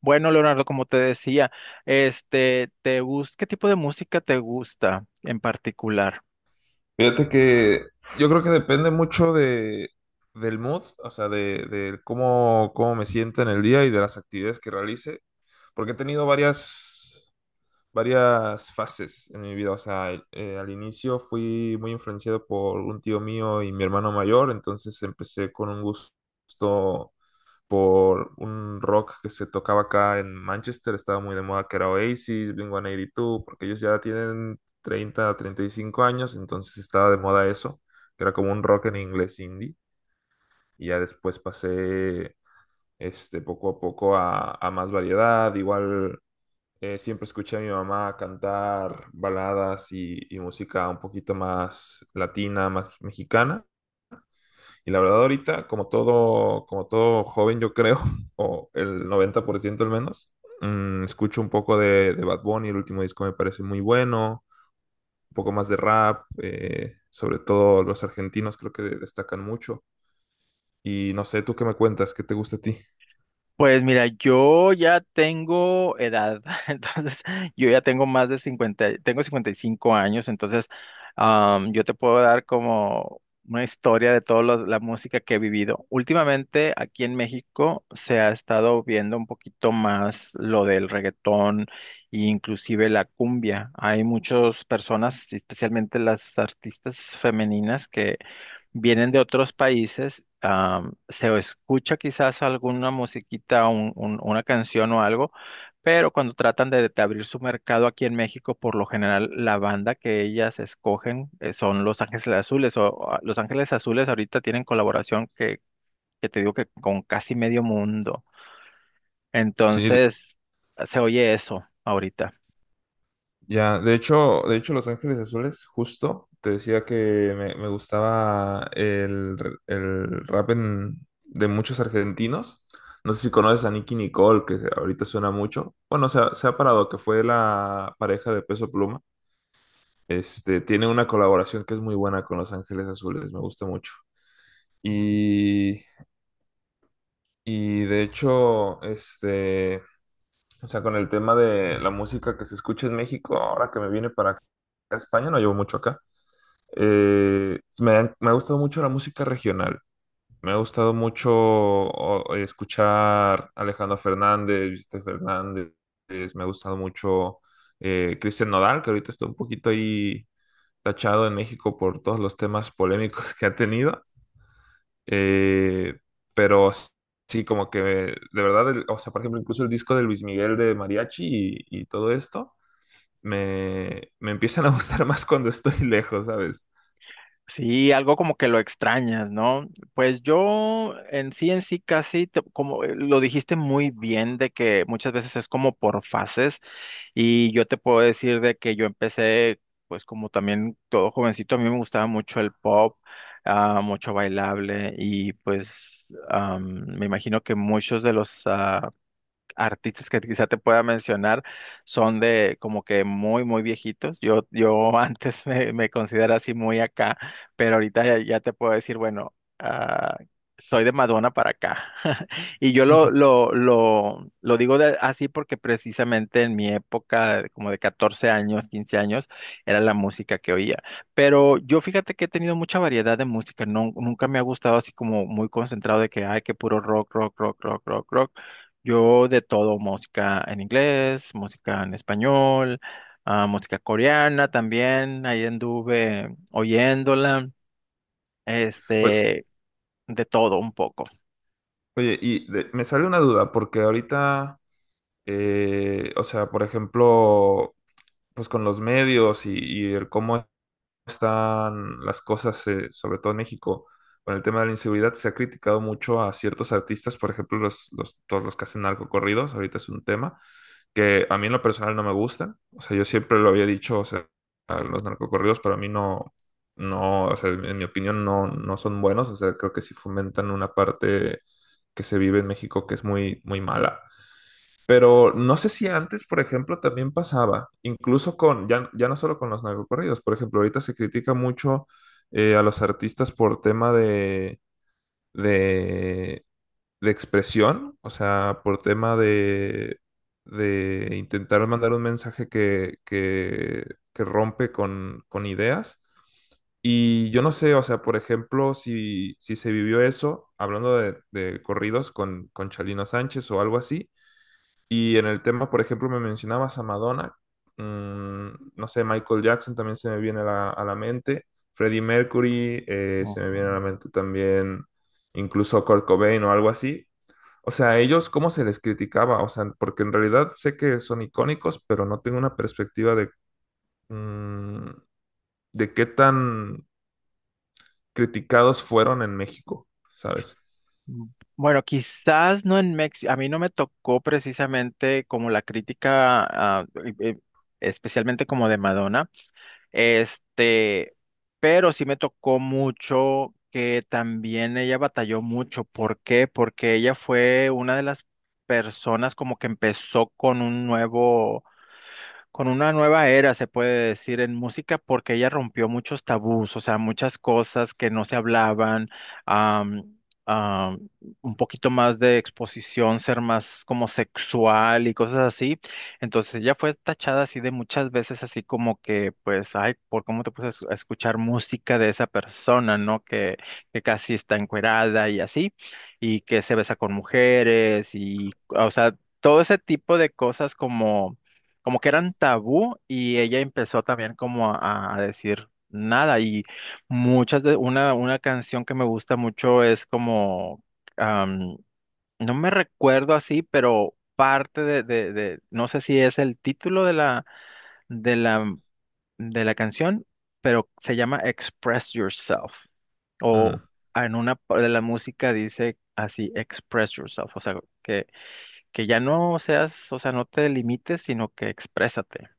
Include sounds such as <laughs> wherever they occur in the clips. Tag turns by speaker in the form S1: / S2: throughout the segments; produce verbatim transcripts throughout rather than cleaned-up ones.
S1: Bueno, Leonardo, como te decía, este, te gus- ¿qué tipo de música te gusta en particular?
S2: Fíjate que yo creo que depende mucho de, del mood, o sea, de, de cómo, cómo me sienta en el día y de las actividades que realice, porque he tenido varias, varias fases en mi vida, o sea, el- eh, al inicio fui muy influenciado por un tío mío y mi hermano mayor, entonces empecé con un gusto por un rock que se tocaba acá en Manchester, estaba muy de moda, que era Oasis, Blink ciento ochenta y dos, porque ellos ya tienen treinta treinta y cinco años, entonces estaba de moda eso, que era como un rock en inglés indie. Y ya después pasé este, poco a poco a, a más variedad. Igual eh, siempre escuché a mi mamá cantar baladas y, y música un poquito más latina, más mexicana. Y la verdad ahorita, como todo, como todo joven, yo creo, <laughs> o el noventa por ciento al menos, mm, escucho un poco de, de Bad Bunny. El último disco me parece muy bueno, un poco más de rap, eh, sobre todo los argentinos creo que destacan mucho. Y no sé, ¿tú qué me cuentas? ¿Qué te gusta a ti?
S1: Pues mira, yo ya tengo edad, <laughs> entonces yo ya tengo más de cincuenta, tengo cincuenta y cinco años, entonces am, yo te puedo dar como una historia de toda la música que he vivido. Últimamente aquí en México se ha estado viendo un poquito más lo del reggaetón e inclusive la cumbia. Hay muchas personas, especialmente las artistas femeninas, que vienen de otros países, am, se escucha quizás alguna musiquita, un- un- una canción o algo, pero cuando tratan de, de abrir su mercado aquí en México, por lo general la banda que ellas escogen eh, son Los Ángeles Azules o o, ah, Los Ángeles Azules ahorita tienen colaboración que, que te digo que con casi medio mundo.
S2: Sí.
S1: Entonces, se oye eso ahorita.
S2: Ya, de hecho, de hecho, Los Ángeles Azules, justo, te decía que me, me gustaba el, r- el rap en- de muchos argentinos. No sé si conoces a Nicki Nicole, que ahorita suena mucho. Bueno, se ha, se ha parado, que fue la pareja de Peso Pluma. Este, tiene una colaboración que es muy buena con Los Ángeles Azules, me gusta mucho. Y, y de hecho, este, o sea, con el tema de la música que se escucha en México, ahora que me vine para acá, a España. No llevo mucho acá. Eh, me han- me ha gustado mucho la música regional. Me ha gustado mucho o- escuchar Alejandro Fernández, Vicente Fernández. Me ha gustado mucho eh, Cristian Nodal, que ahorita está un poquito ahí tachado en México por todos los temas polémicos <laughs> que ha tenido. Eh, pero sí, como que de verdad, el- o sea, por ejemplo, incluso el disco de Luis Miguel de Mariachi y, y todo esto, me, me empiezan a gustar <laughs> más cuando estoy lejos, ¿sabes?
S1: Sí, algo como que lo extrañas, ¿no? Pues yo en sí, en sí, casi, te- como eh, lo dijiste muy bien, de que muchas veces es como por fases. Y yo te puedo decir de que yo empecé, pues como también todo jovencito, a mí me gustaba mucho el pop, ah, mucho bailable y pues am, me imagino que muchos de los ah, artistas que quizá te pueda mencionar son de como que muy, muy viejitos. Yo, yo <laughs> antes me, me considero así muy acá, pero ahorita ya, ya te puedo decir, bueno, ah, soy de Madonna para acá. <laughs> Y yo lo,
S2: <laughs>
S1: lo, lo, lo digo de- así porque precisamente en mi época, como de catorce años, quince años, era la música que oía. Pero yo fíjate que he tenido mucha variedad de música, no, nunca me ha gustado así como muy concentrado de que, ay, que puro rock, rock, rock, rock, rock, rock. Yo de todo, música en inglés, música en español, ah, música coreana también, ahí anduve oyéndola, este, de todo un poco.
S2: Oye, y de- me sale una duda, porque ahorita, eh, o sea, por ejemplo, pues con los medios y, y el cómo están las cosas, eh, sobre todo en México, con el tema de la inseguridad, se ha criticado mucho a ciertos artistas, por ejemplo, los, los, todos los que hacen narcocorridos. Ahorita es un tema que a mí en lo personal no me gusta. O sea, yo siempre lo había dicho, o sea, a los narcocorridos para mí no, no, o sea, en mi opinión no, no son buenos. O sea, creo que sí fomentan una parte que se vive en México que es muy, muy mala. Pero no sé si antes, por ejemplo, también pasaba, incluso con, ya, ya no solo con los narcocorridos, por ejemplo, ahorita se critica mucho eh, a los artistas por tema de, de de expresión, o sea, por tema de, de intentar mandar un mensaje que, que, que rompe con, con ideas. Y yo no sé, o sea, por ejemplo, si, si se vivió eso, hablando de, de corridos con, con Chalino Sánchez o algo así, y en el tema, por ejemplo, me mencionabas a Madonna. mm, no sé, Michael Jackson también se me viene a la, a la mente, Freddie Mercury eh, se me viene a
S1: Ujú.
S2: la mente también, incluso Kurt Cobain o algo así. O sea, a ellos, ¿cómo se les criticaba? O sea, porque en realidad sé que son icónicos, pero no tengo una perspectiva de, mm, de qué tan criticados fueron en México, ¿sabes?
S1: Bueno, quizás no en México, a mí no me tocó precisamente como la crítica, ah, eh, eh, especialmente como de Madonna. Este, pero sí me tocó mucho que también ella batalló mucho. ¿Por qué? Porque ella fue una de las personas como que empezó con un nuevo con una nueva era, se puede decir, en música, porque ella rompió muchos tabús, o sea, muchas cosas que no se hablaban, am, am, un poquito más de exposición, ser más como sexual y cosas así. Entonces ella fue tachada así de muchas veces, así como que, pues, ay, ¿por cómo te puedes a escuchar música de esa persona, no? Que, que casi está encuerada y así, y que se besa con mujeres y, o sea, todo ese tipo de cosas como como que eran tabú y ella empezó también como a, a decir nada y muchas de una una canción que me gusta mucho es como am, no me recuerdo así, pero parte de, de de no sé si es el título de la de la de la canción, pero se llama Express Yourself
S2: Mm.
S1: o en una pa- de la música dice así Express Yourself, o sea que que ya no seas, o sea, no te limites, sino que exprésate.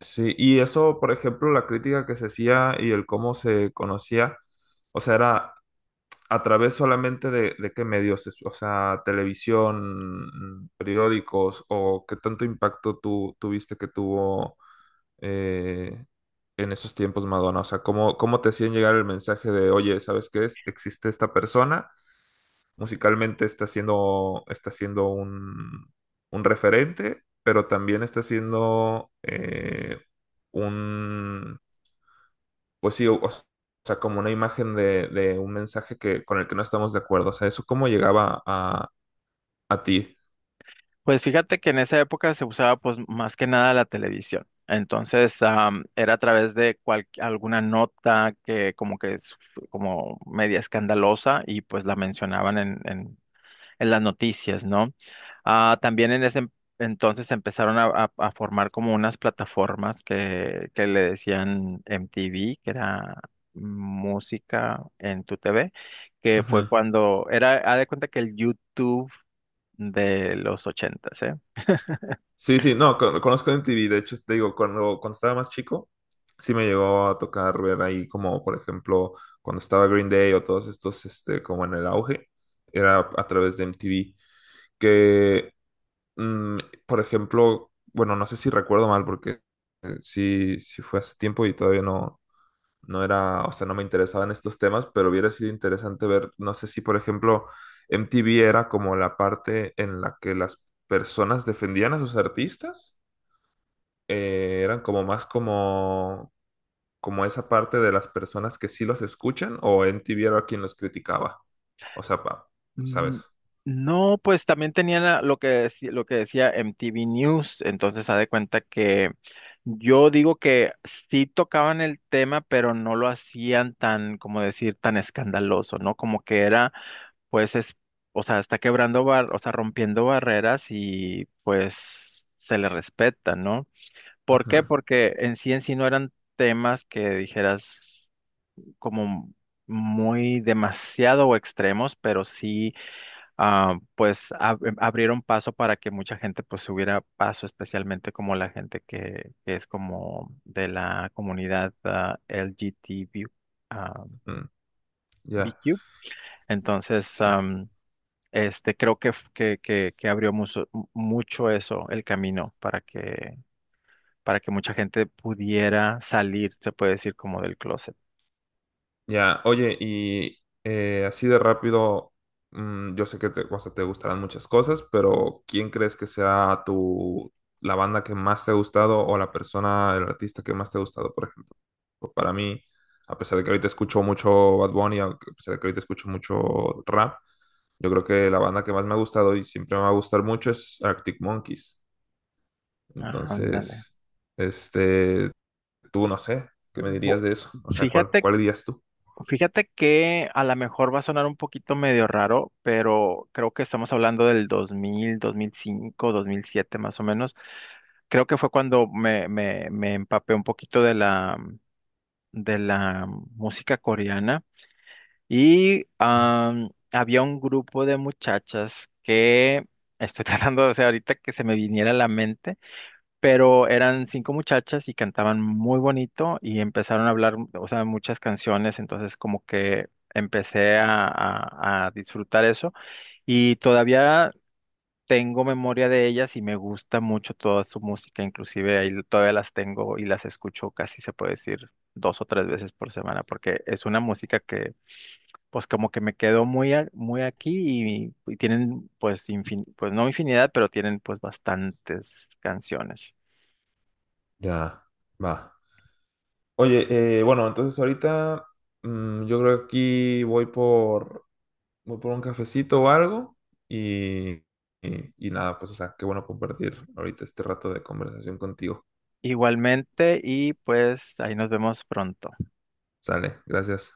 S2: Sí, y eso, por ejemplo, la crítica que se hacía y el cómo se conocía, o sea, era a través solamente de, de qué medios, es- o sea, televisión, mm, periódicos, o qué tanto impacto tú tuviste que tuvo eh, en esos tiempos Madonna, o sea, cómo, cómo te hacían llegar el mensaje de, oye, ¿sabes qué es? Existe esta persona. Musicalmente está siendo, está siendo un, un referente, pero también está siendo eh, un, pues sí, o, o sea, como una imagen de, de un mensaje que, con el que no estamos de acuerdo. O sea, ¿eso cómo llegaba a, a ti?
S1: Pues fíjate que en esa época se usaba pues más que nada la televisión. Entonces, am, era a través de cual- alguna nota que como que es como media escandalosa y pues la mencionaban en, en en las noticias, ¿no? Ah, también en ese entonces empezaron a, a- a formar como unas plataformas que, que le decían M T V, que era música en tu T V, que fue
S2: Ujú.
S1: cuando era, haz de cuenta, que el YouTube de los ochentas, eh.
S2: Sí, sí, no, con- conozco M T V, de hecho, te digo, cuando, cuando estaba más chico, sí me llegó a tocar ver ahí como, por ejemplo, cuando estaba Green Day o todos estos, este, como en el auge, era a través de M T V, que, mm, por ejemplo, bueno, no sé si recuerdo mal, porque eh, sí, sí fue hace tiempo y todavía no, no era, o sea, no me interesaban estos temas, pero hubiera sido interesante ver, no sé si, por ejemplo, M T V era como la parte en la que las personas defendían a sus artistas eh, eran como más como, como esa parte de las personas que sí los escuchan o M T V era quien los criticaba. O sea, pa-
S1: Mm.
S2: ¿sabes?
S1: No, pues también tenía la- lo que, deci- lo que decía M T V News, entonces haz de cuenta que yo digo que sí tocaban el tema, pero no lo hacían tan, como decir, tan escandaloso, ¿no? Como que era, pues, es, o sea, está quebrando, bar, o sea, rompiendo barreras y pues se le respeta, ¿no? ¿Por qué?
S2: Ujú,
S1: Porque en sí en sí no eran temas que dijeras como muy demasiado o extremos, pero sí ah, pues ab- em, abrieron paso para que mucha gente pues hubiera paso, especialmente como la gente que, que es como de la comunidad ah, L G T B, ah,
S2: mm, ya,
S1: B Q. Entonces,
S2: sí.
S1: am, este, creo que, f- que, que, que abrió mucho, mucho eso, el camino para que, para que mucha gente pudiera salir, se puede decir, como del closet.
S2: Ya, oye, y eh, así de rápido, mm, yo sé que te, o sea, te gustarán muchas cosas, pero ¿quién crees que sea tu, la banda que más te ha gustado o la persona, el artista que más te ha gustado, por ejemplo? Pues para mí, a pesar de que ahorita escucho mucho Bad Bunny, a pesar de que ahorita escucho mucho rap, yo creo que la banda que más me ha gustado y siempre me va a gustar mucho es Arctic Monkeys.
S1: Ah, ándale.
S2: Entonces, este, tú no sé, ¿qué me
S1: Bu-
S2: dirías de eso? O sea, ¿cuál,
S1: Fíjate
S2: cuál dirías tú?
S1: Fíjate que a lo mejor va a sonar un poquito medio raro, pero creo que estamos hablando del dos dos mil, dos mil cinco, dos mil siete, más o menos. Creo que fue cuando me, me, me empapé un poquito de la, de la música coreana y am, había un grupo de muchachas que estoy <laughs> tratando, o sea, ahorita que se me viniera a la mente, pero eran cinco muchachas y cantaban muy bonito y empezaron a hablar, o sea, muchas canciones, entonces como que empecé a, a- a disfrutar eso y todavía tengo memoria de ellas y me gusta mucho toda su música, inclusive ahí todavía las tengo y las escucho, casi se puede decir, dos o tres veces por semana, porque es una música que pues como que me quedó muy, a- muy aquí, y, y tienen pues infin- pues no infinidad, pero tienen pues bastantes canciones.
S2: Ya, va. Oye, eh, bueno, entonces ahorita mm, yo creo que aquí voy por, voy por un cafecito o algo y, y, y nada, pues o sea, qué bueno compartir ahorita este rato de conversación contigo.
S1: Igualmente y pues ahí nos vemos pronto.
S2: Sale, gracias.